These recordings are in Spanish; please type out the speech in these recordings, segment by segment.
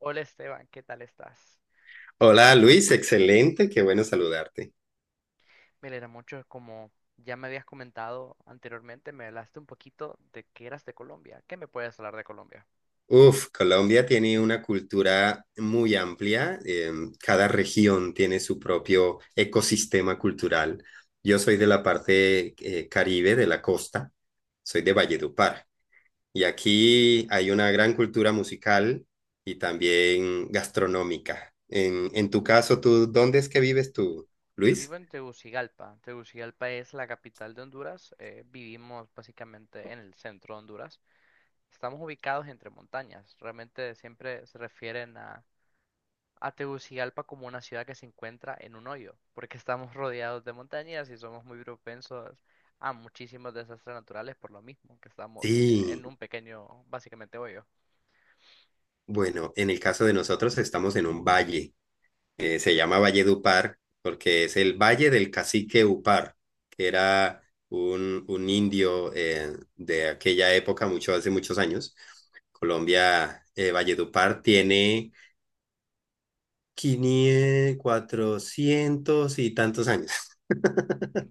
Hola Esteban, ¿qué tal estás? Hola Luis, excelente, qué bueno saludarte. Me alegra mucho, como ya me habías comentado anteriormente, me hablaste un poquito de que eras de Colombia. ¿Qué me puedes hablar de Colombia? Uf, Colombia tiene una cultura muy amplia, cada región tiene su propio ecosistema cultural. Yo soy de la parte Caribe, de la costa, soy de Valledupar y aquí hay una gran cultura musical y también gastronómica. En tu caso, ¿tú dónde es que vives tú, Yo vivo Luis? en Tegucigalpa. Tegucigalpa es la capital de Honduras. Vivimos básicamente en el centro de Honduras. Estamos ubicados entre montañas. Realmente siempre se refieren a Tegucigalpa como una ciudad que se encuentra en un hoyo, porque estamos rodeados de montañas y somos muy propensos a muchísimos desastres naturales por lo mismo, que en Sí, un pequeño, básicamente, hoyo, bueno, en el caso de nosotros estamos en un valle. Se llama Valle de Upar porque es el Valle del Cacique Upar, que era un indio de aquella época, mucho hace muchos años. Colombia, Valledupar tiene 500 400 y tantos años.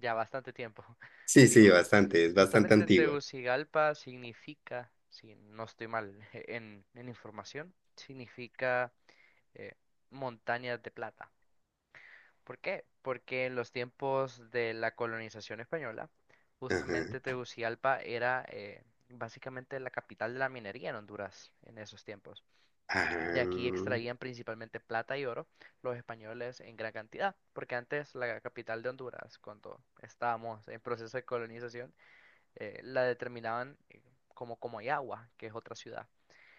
ya bastante tiempo. Sí, Sí, sí, bastante, es bastante justamente antigua. Tegucigalpa significa, si no estoy mal en información, significa eh, montañas de plata. ¿Por qué? Porque en los tiempos de la colonización española, justamente Ajá. Tegucigalpa era básicamente la capital de la minería en Honduras en esos tiempos. De Ah, aquí extraían principalmente plata y oro los españoles en gran cantidad, porque antes la capital de Honduras, cuando estábamos en proceso de colonización, la determinaban como Comayagua, que es otra ciudad.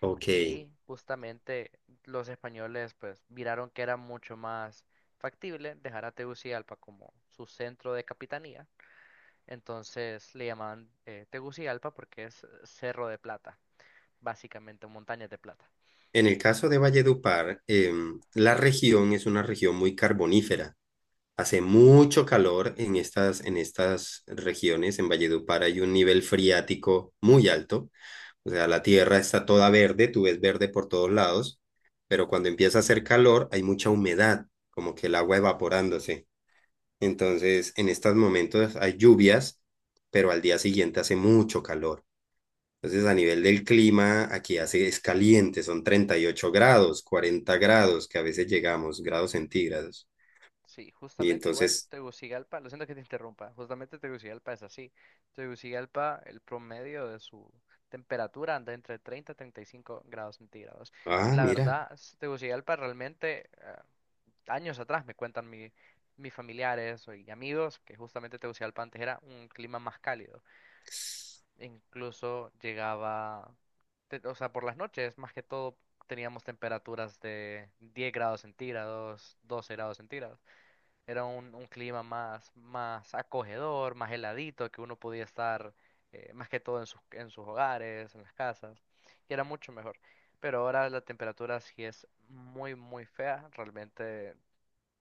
ok. Y justamente los españoles pues miraron que era mucho más factible dejar a Tegucigalpa como su centro de capitanía. Entonces le llamaban Tegucigalpa porque es Cerro de Plata, básicamente montañas de plata. En el caso de Valledupar, la región es una región muy carbonífera. Hace mucho calor en estas regiones. En Valledupar hay un nivel friático muy alto. O sea, la tierra está toda verde, tú ves verde por todos lados, pero cuando empieza a hacer calor hay mucha humedad, como que el agua evaporándose. Entonces, en estos momentos hay lluvias, pero al día siguiente hace mucho calor. Entonces, a nivel del clima, aquí hace, es caliente, son 38 grados, 40 grados, que a veces llegamos, grados centígrados. Sí, Y justamente igual entonces, Tegucigalpa, lo siento que te interrumpa, justamente Tegucigalpa es así. Tegucigalpa, el promedio de su temperatura anda entre 30 y 35 grados centígrados. Y ah, la mira. verdad, Tegucigalpa realmente, años atrás me cuentan mis familiares y amigos que justamente Tegucigalpa antes era un clima más cálido. Incluso llegaba, o sea, por las noches, más que todo, teníamos temperaturas de 10 grados centígrados, 12 grados centígrados. Era un clima más, más acogedor, más heladito, que uno podía estar más que todo en sus hogares, en las casas, y era mucho mejor. Pero ahora la temperatura sí es muy, muy fea, realmente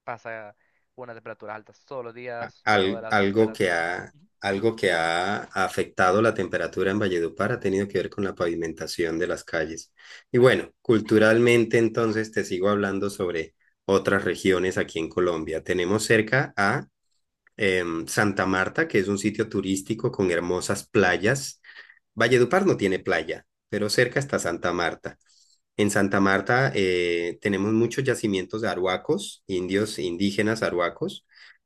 pasa una temperatura alta todos los días, luego de la Algo que temperatura. ha afectado la temperatura en Valledupar ha tenido que ver con la pavimentación de las calles. Y bueno, culturalmente entonces te sigo hablando sobre otras regiones aquí en Colombia. Tenemos cerca a Santa Marta, que es un sitio turístico con hermosas playas. Valledupar no tiene playa, pero cerca está Santa Marta. En Santa Marta tenemos muchos yacimientos de arhuacos, indios indígenas arhuacos,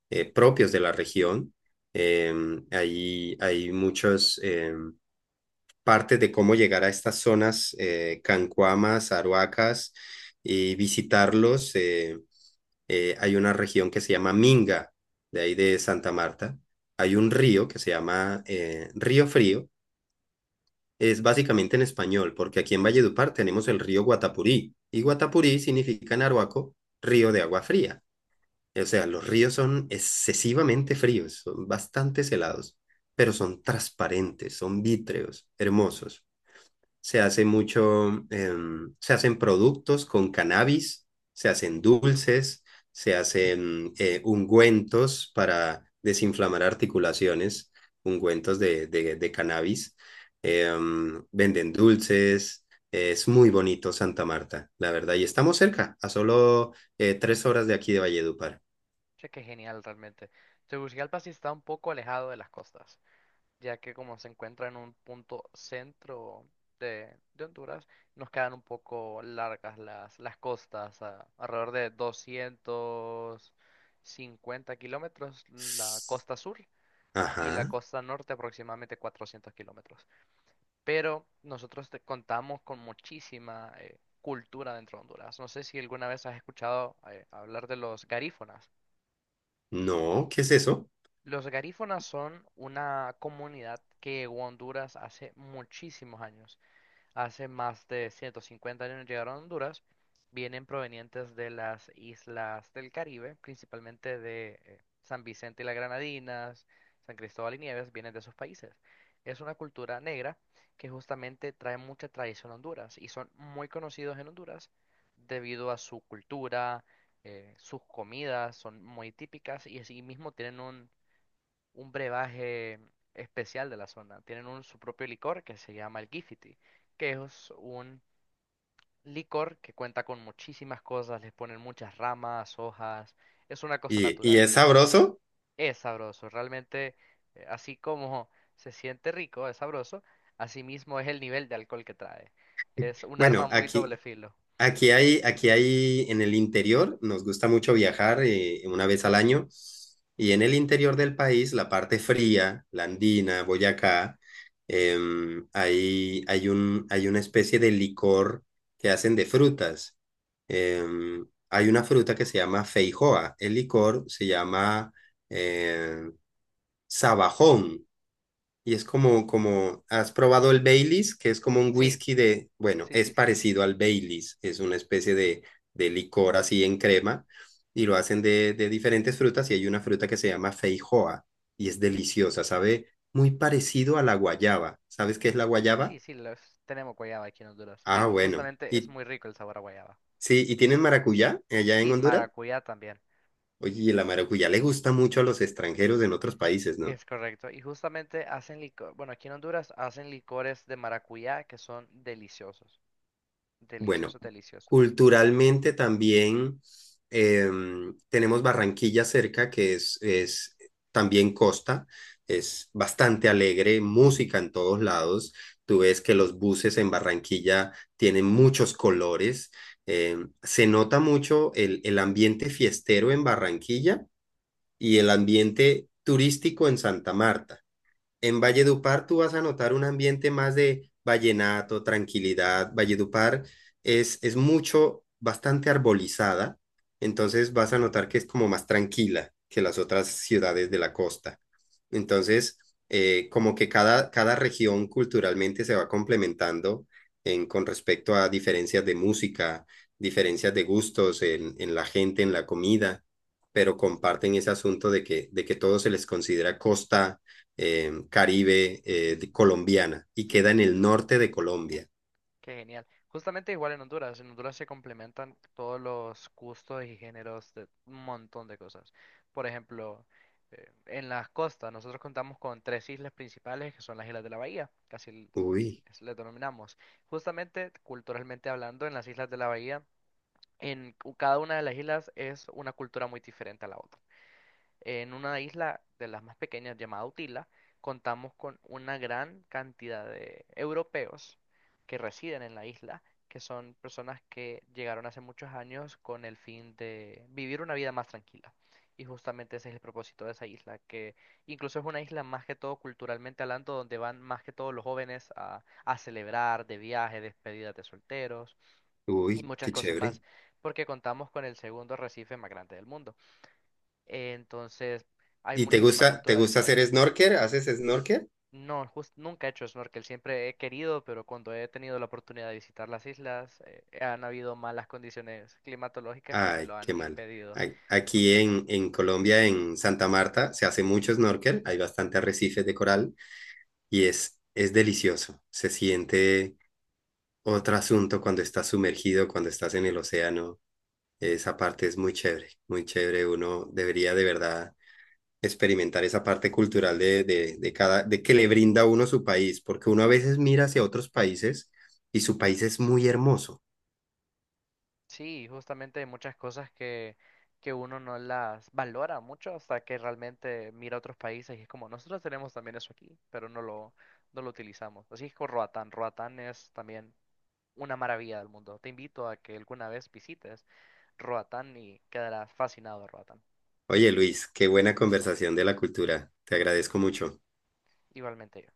propios de la región. Eh, Ahí hay muchas partes de cómo llegar a estas zonas cancuamas, arhuacas y visitarlos. Hay una región que se llama Minga, de ahí de Santa Marta. Hay un río que se llama Río Frío, es básicamente en español, porque aquí en Valledupar tenemos el río Guatapurí, y Guatapurí significa en Arhuaco río de agua fría. O sea, los ríos son excesivamente fríos, son bastante helados, pero son transparentes, son vítreos, hermosos. Se hace mucho, se hacen productos con cannabis, se hacen dulces, se hacen ungüentos para desinflamar articulaciones, ungüentos de cannabis, venden dulces, es muy bonito Santa Marta, la verdad, y estamos cerca, a solo 3 horas de aquí de Valledupar. Che, qué genial realmente. Tegucigalpa sí está un poco alejado de las costas, ya que como se encuentra en un punto centro de Honduras, nos quedan un poco largas las costas, alrededor de 250 kilómetros la costa sur y la Ajá, costa norte aproximadamente 400 kilómetros. Pero contamos con muchísima cultura dentro de Honduras. No sé si alguna vez has escuchado hablar de los garífonas. no, ¿qué es eso? Los garífonas son una comunidad que llegó a Honduras hace muchísimos años. Hace más de 150 años llegaron a Honduras, vienen provenientes de las islas del Caribe, principalmente de San Vicente y las Granadinas, San Cristóbal y Nieves, vienen de esos países. Es una cultura negra que justamente trae mucha tradición a Honduras y son muy conocidos en Honduras debido a su cultura, sus comidas son muy típicas y así mismo tienen un brebaje especial de la zona. Tienen su propio licor que se llama el Gifiti, que es un licor que cuenta con muchísimas cosas, les ponen muchas ramas, hojas, es una cosa ¿Y natural. es sabroso? Es sabroso, realmente, así como se siente rico, es sabroso, asimismo es el nivel de alcohol que trae. Es un arma Bueno, muy aquí, doble filo. Aquí hay, aquí hay en el interior, nos gusta mucho viajar una vez al año, y en el interior del país, la parte fría, la andina, Boyacá, hay una especie de licor que hacen de frutas. Hay una fruta que se llama feijoa, el licor se llama eh, sabajón. Y es como, como, ¿has probado el Baileys? Que es como un Sí, whisky de, bueno, sí, es sí, sí. parecido al Baileys, es una especie de licor así en crema y lo hacen de diferentes frutas y hay una fruta que se llama feijoa y es deliciosa, sabe muy parecido a la guayaba. ¿Sabes qué es la Sí, guayaba? sí, los tenemos guayaba aquí en Honduras. Y Ah, bueno. justamente es Y muy rico el sabor a guayaba. sí, ¿y tienen maracuyá allá en Sí, Honduras? maracuyá también. Oye, y la maracuyá le gusta mucho a los extranjeros en otros países, ¿no? Es correcto. Y justamente hacen licor, bueno, aquí en Honduras hacen licores de maracuyá que son deliciosos. Bueno, Deliciosos, deliciosos. culturalmente también tenemos Barranquilla cerca, que es también costa, es bastante alegre, música en todos lados. Tú ves que los buses en Barranquilla tienen muchos colores. Se nota mucho el ambiente fiestero en Barranquilla y el ambiente turístico en Santa Marta. En Valledupar tú vas a notar un ambiente más de vallenato, tranquilidad. Valledupar es mucho, bastante arbolizada, entonces vas a notar que es como más tranquila que las otras ciudades de la costa. Entonces, como que cada región culturalmente se va complementando con respecto a diferencias de música, diferencias de gustos en la gente, en la comida, pero comparten ese asunto de que todo se les considera costa caribe Mm, colombiana y sí, queda en el comprendo. norte de Colombia. Qué genial. Justamente igual en Honduras. En Honduras se complementan todos los gustos y géneros de un montón de cosas. Por ejemplo, en las costas, nosotros contamos con tres islas principales que son las Islas de la Bahía, Uy, le denominamos. Justamente, culturalmente hablando, en las Islas de la Bahía, cada una de las islas es una cultura muy diferente a la otra. En una isla de las más pequeñas llamada Utila, contamos con una gran cantidad de europeos que residen en la isla, que son personas que llegaron hace muchos años con el fin de vivir una vida más tranquila. Y justamente ese es el propósito de esa isla, que incluso es una isla más que todo culturalmente hablando, donde van más que todo los jóvenes a celebrar de viaje, despedidas de solteros y uy, muchas qué cosas chévere. más, porque contamos con el segundo arrecife más grande del mundo. Entonces, hay ¿Y te muchísima gusta, te cultura gusta hacer diferente. snorkel? ¿Haces snorkel? No, nunca he hecho snorkel, siempre he querido, pero cuando he tenido la oportunidad de visitar las islas, han habido malas condiciones climatológicas que me Ay, lo han qué mal. impedido. Ay, aquí en Colombia, en Santa Marta, se hace mucho snorkel, hay bastante arrecifes de coral y es delicioso. Se siente otro asunto cuando estás sumergido, cuando estás en el océano. Esa parte es muy chévere, muy chévere. Uno debería de verdad experimentar esa parte cultural de que le brinda a uno su país, porque uno a veces mira hacia otros países y su país es muy hermoso. Sí, justamente hay muchas cosas que uno no las valora mucho hasta que realmente mira otros países y es como, nosotros tenemos también eso aquí, pero no lo utilizamos. Así es con Roatán. Roatán es también una maravilla del mundo. Te invito a que alguna vez visites Roatán y quedarás fascinado de Roatán. Oye, Luis, qué buena conversación de la cultura. Te agradezco mucho. Igualmente yo.